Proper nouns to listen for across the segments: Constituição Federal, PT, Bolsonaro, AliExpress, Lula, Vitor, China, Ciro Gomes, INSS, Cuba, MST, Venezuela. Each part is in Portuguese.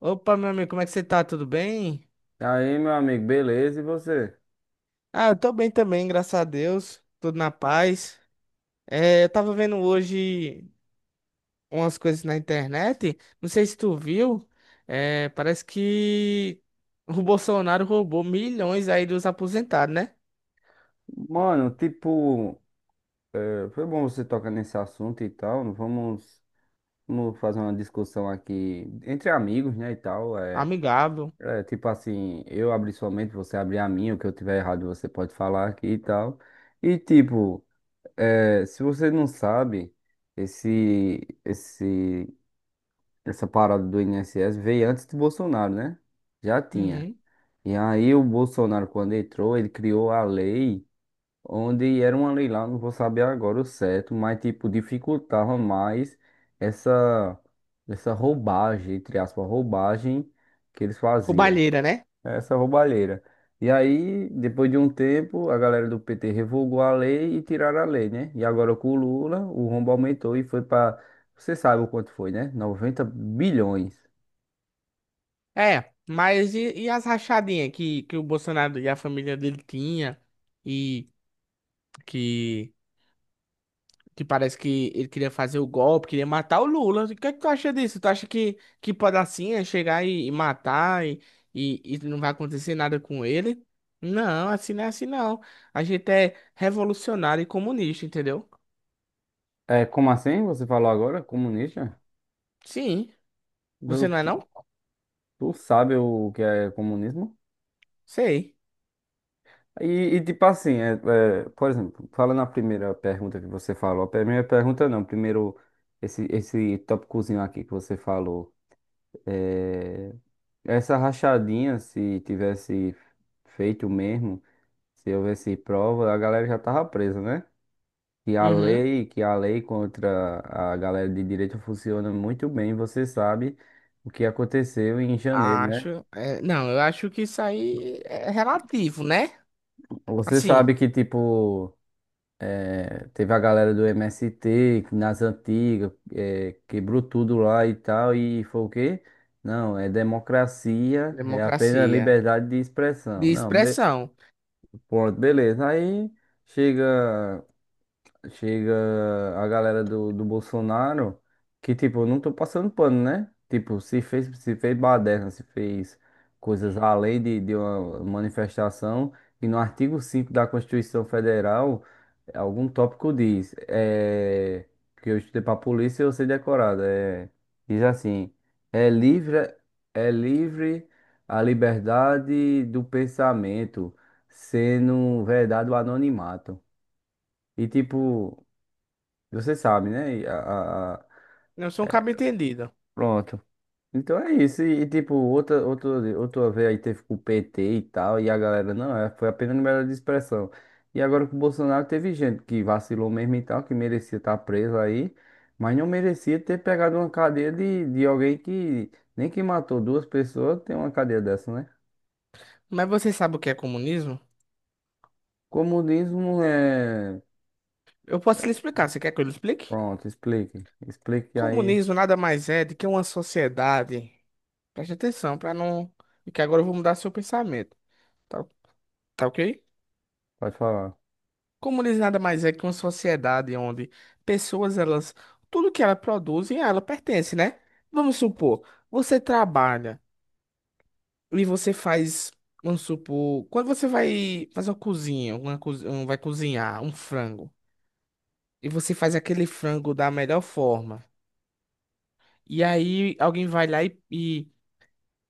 Opa, meu amigo, como é que você tá? Tudo bem? Aí, meu amigo, beleza? E você? Ah, eu tô bem também, graças a Deus. Tudo na paz. Eu tava vendo hoje umas coisas na internet. Não sei se tu viu. Parece que o Bolsonaro roubou milhões aí dos aposentados, né? Mano, tipo, foi bom você tocar nesse assunto e tal. Vamos fazer uma discussão aqui entre amigos, né? E tal. Amigável. Tipo assim, eu abri sua mente, você abrir a minha, o que eu tiver errado você pode falar aqui e tal. E tipo, se você não sabe, esse, esse, essa parada do INSS veio antes do Bolsonaro, né? Já tinha. Uhum. E aí o Bolsonaro, quando entrou, ele criou a lei, onde era uma lei lá, não vou saber agora o certo, mas tipo, dificultava mais essa, essa roubagem, entre aspas, roubagem que eles faziam, Roubalheira, né? né, essa roubalheira. E aí, depois de um tempo, a galera do PT revogou a lei e tiraram a lei, né? E agora com o Lula, o rombo aumentou e foi para, você sabe o quanto foi, né? 90 bilhões. É, mas e as rachadinhas que o Bolsonaro e a família dele tinha e que Que parece que ele queria fazer o golpe, queria matar o Lula. O que é que tu acha disso? Tu acha que pode assim é chegar e matar e não vai acontecer nada com ele? Não, assim não é assim não. A gente é revolucionário e comunista, entendeu? Como assim? Você falou agora, comunista? Sim. Tu, Você não é tu não? tu sabe o que é comunismo? Sei. Tipo assim, por exemplo, fala na primeira pergunta que você falou. A primeira pergunta não, primeiro esse tópicozinho aqui que você falou. É, essa rachadinha, se tivesse feito mesmo, se houvesse prova, a galera já tava presa, né? Que a Uhum. lei, que a lei contra a galera de direita funciona muito bem, você sabe o que aconteceu em janeiro, né? Acho. É, não, eu acho que isso aí é relativo, né? Você Assim, sabe que, tipo. Teve a galera do MST que nas antigas, quebrou tudo lá e tal, e foi o quê? Não, é democracia, é apenas democracia liberdade de de expressão. Não, expressão. pronto, beleza. Aí chega chega a galera do Bolsonaro, que tipo, eu não tô passando pano, né? Tipo, se fez baderna, se fez coisas além de uma manifestação, e no artigo 5º da Constituição Federal, algum tópico diz, que eu estudei pra polícia e eu sei decorado, diz assim, é livre, é livre a liberdade do pensamento, sendo verdade o anonimato. E tipo, você sabe, né? Não sou um cabo entendido. Pronto. Então é isso. Tipo, outra vez aí teve com o PT e tal, e a galera, não, foi apenas liberdade de expressão. E agora com o Bolsonaro teve gente que vacilou mesmo e tal, que merecia estar preso aí, mas não merecia ter pegado uma cadeia de alguém que nem que matou duas pessoas tem uma cadeia dessa, né? Mas você sabe o que é comunismo? Comunismo é. Eu posso lhe explicar. Você quer que eu lhe explique? Pronto, explique aí, Comunismo nada mais é do que uma sociedade. Preste atenção para não. E que agora eu vou mudar seu pensamento. Tá, tá ok? pode falar. Comunismo nada mais é que uma sociedade onde pessoas, elas. Tudo que elas produzem, a ela pertence, né? Vamos supor, você trabalha e você faz. Vamos supor, quando você vai fazer uma cozinha, vai cozinhar um frango, e você faz aquele frango da melhor forma. E aí alguém vai lá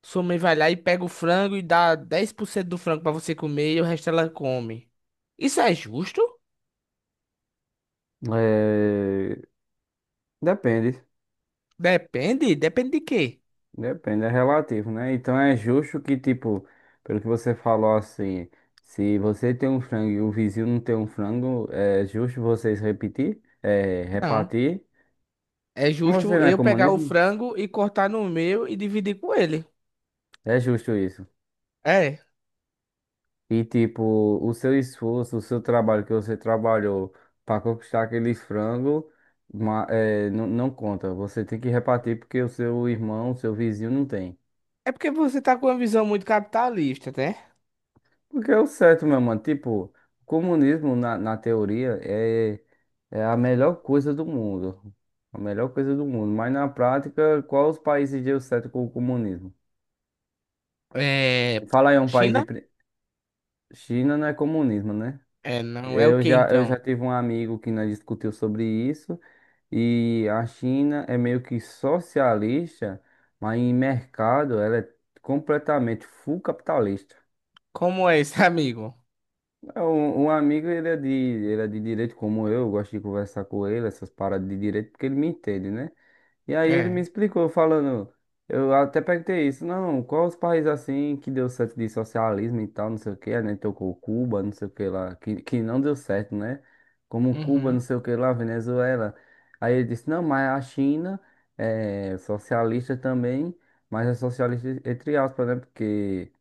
sua mãe vai lá e pega o frango e dá 10% do frango pra você comer e o resto ela come. Isso é justo? É, depende. Depende, depende de quê? Depende, é relativo, né? Então é justo que, tipo, pelo que você falou assim, se você tem um frango e o vizinho não tem um frango, é justo vocês repetir, Não. repartir. É Mas você justo não é eu pegar o comunismo? frango e cortar no meu e dividir com ele. É justo isso. É. E, tipo, o seu esforço, o seu trabalho que você trabalhou para conquistar aquele frango, não, não conta. Você tem que repartir porque o seu irmão, o seu vizinho não tem. É porque você tá com uma visão muito capitalista, né? Porque é o certo, meu mano. Tipo, o comunismo, na teoria, é a melhor coisa do mundo. A melhor coisa do mundo. Mas na prática, qual os países deu certo com o comunismo? É. Fala aí um país de — China? China não é comunismo, né? É, não é o Eu que já, eu então? já tive um amigo que nós discutiu sobre isso. E a China é meio que socialista, mas em mercado ela é completamente full capitalista. Como é esse amigo? Um amigo, ele é de direito como eu gosto de conversar com ele, essas paradas de direito, porque ele me entende, né? E aí ele me É. explicou, falando, eu até perguntei isso, não, quais os países assim que deu certo de socialismo e tal, não sei o que, né? Tocou Cuba, não sei o que lá, que não deu certo, né? Como Cuba, não Uhum. sei o que lá, Venezuela. Aí ele disse, não, mas a China é socialista também, mas é socialista entre aspas, né? Porque —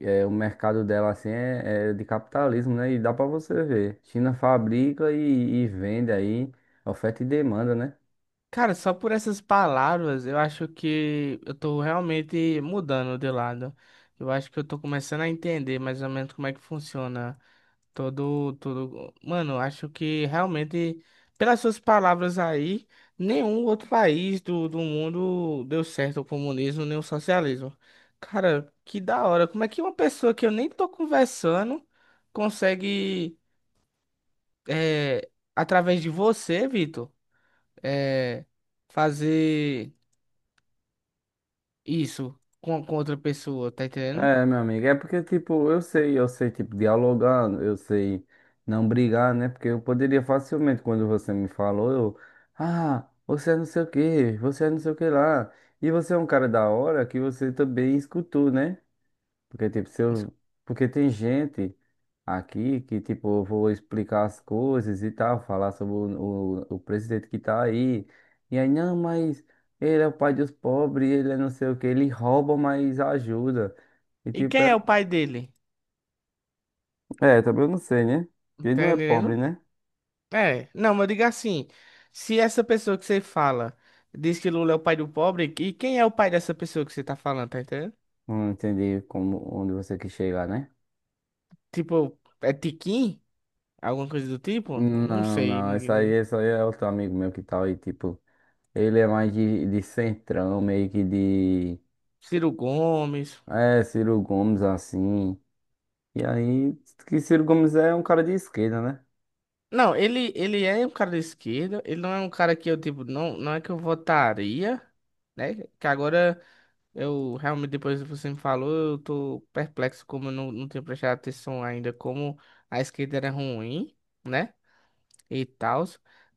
O mercado dela assim é de capitalismo, né? E dá pra você ver. China fabrica e vende aí, oferta e demanda, né? Cara, só por essas palavras, eu acho que eu tô realmente mudando de lado. Eu acho que eu tô começando a entender mais ou menos como é que funciona todo. Mano, eu acho que realmente, pelas suas palavras aí, nenhum outro país do mundo deu certo o comunismo nem o socialismo. Cara, que da hora. Como é que uma pessoa que eu nem tô conversando consegue, é, através de você, Vitor, é, fazer. Isso, com outra pessoa, tá entendendo? É, meu amigo, é porque, tipo, eu sei, tipo, dialogar, eu sei não brigar, né? Porque eu poderia facilmente, quando você me falou, ah, você é não sei o quê, você é não sei o que lá. E você é um cara da hora que você também escutou, né? Porque, tipo, se eu... Porque tem gente aqui que, tipo, eu vou explicar as coisas e tal, falar sobre o presidente que tá aí. E aí, não, mas ele é o pai dos pobres, ele é não sei o que ele rouba, mas ajuda. E, E tipo, é... quem é o pai dele? É, também eu não sei, né? Ele Tá não é pobre, entendendo? né? É, não, mas diga assim, se essa pessoa que você fala diz que Lula é o pai do pobre, e quem é o pai dessa pessoa que você tá falando, tá entendendo? Não entendi como, onde você quis chegar, né? Tipo, é Tiquim? Alguma coisa do tipo? Não Não, sei, não, ninguém, isso ninguém- aí, isso aí é outro amigo meu que tal, e tipo, ele é mais de centrão, meio que de, Ciro Gomes. Ciro Gomes, assim. E aí, que Ciro Gomes é um cara de esquerda, né? Não, ele é um cara da esquerda, ele não é um cara que eu, tipo, não é que eu votaria, né? Que agora. Eu realmente, depois que você me falou, eu tô perplexo como eu não tinha prestado atenção ainda, como a esquerda era ruim, né? E tal.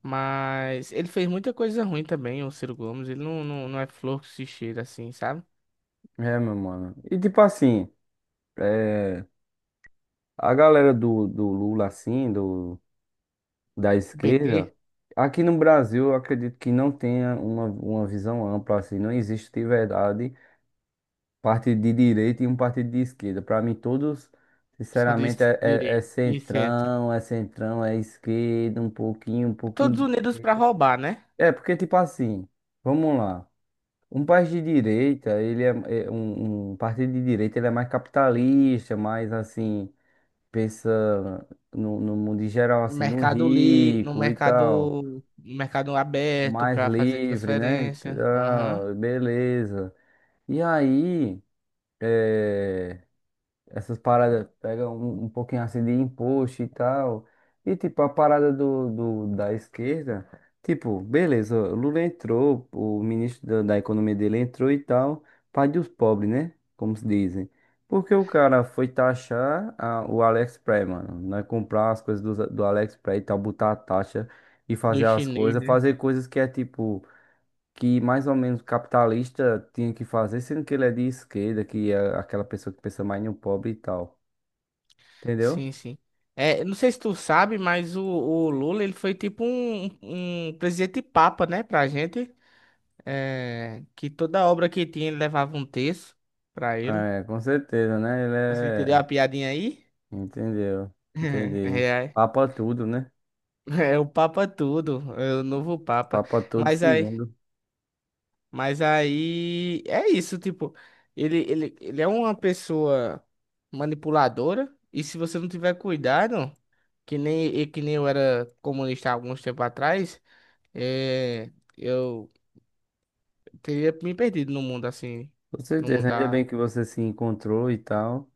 Mas ele fez muita coisa ruim também, o Ciro Gomes. Ele não é flor que se cheira assim, sabe? É, meu mano. E tipo assim, é, a galera do Lula, assim, da PT esquerda, aqui no Brasil, eu acredito que não tenha uma visão ampla, assim, não existe de verdade partido de direita e um partido de esquerda. Pra mim, todos, são de sinceramente, é direita, de centro. centrão, é centrão, é esquerda, um pouquinho, um pouquinho. Todos De unidos pra direita. roubar, né? É, porque tipo assim, vamos lá. Um país de direita, ele é um partido de direita, ele é mais capitalista, mais assim, pensa no mundo em geral, assim, no Mercado livre, no rico e tal, mercado, no mercado aberto mais pra fazer livre, né? E transferência. Aham. tal, beleza. E aí, é, essas paradas pegam um pouquinho assim de imposto e tal. E tipo, a parada da esquerda, tipo, beleza, o Lula entrou, o ministro da economia dele entrou e tal, pai dos pobres, né? Como se dizem. Porque o cara foi taxar o AliExpress, mano, né? Comprar as coisas do AliExpress e tal, botar a taxa e Do fazer as chinês, coisas, né? fazer coisas que é tipo que mais ou menos capitalista tinha que fazer, sendo que ele é de esquerda, que é aquela pessoa que pensa mais no pobre e tal. Entendeu? Sim, sim. É, não sei se tu sabe, mas o Lula ele foi tipo um presidente papa, né, pra gente. É, que toda obra que tinha ele levava um texto pra ele. É, com certeza, né? Ele Você entendeu a é. piadinha aí? Entendeu? Entendi. Papa tudo, né? É, é o Papa tudo, é o novo Papa. Papa tudo Mas aí, segundo. mas aí é isso, tipo, ele é uma pessoa manipuladora, e se você não tiver cuidado, que nem eu era comunista há alguns tempos atrás. É, eu teria me perdido no mundo assim, Com no mundo certeza. Ainda da... bem que você se encontrou e tal.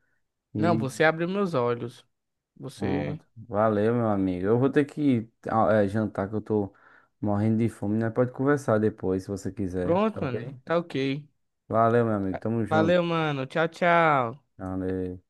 Não, E você abriu meus olhos. Você... pronto. Valeu, meu amigo. Eu vou ter que jantar, que eu tô morrendo de fome, né? Pode conversar depois, se você quiser. Pronto, Tá mano. ok? Tá ok. Valeu, meu amigo. Tamo junto. Valeu, mano. Tchau, tchau. Valeu.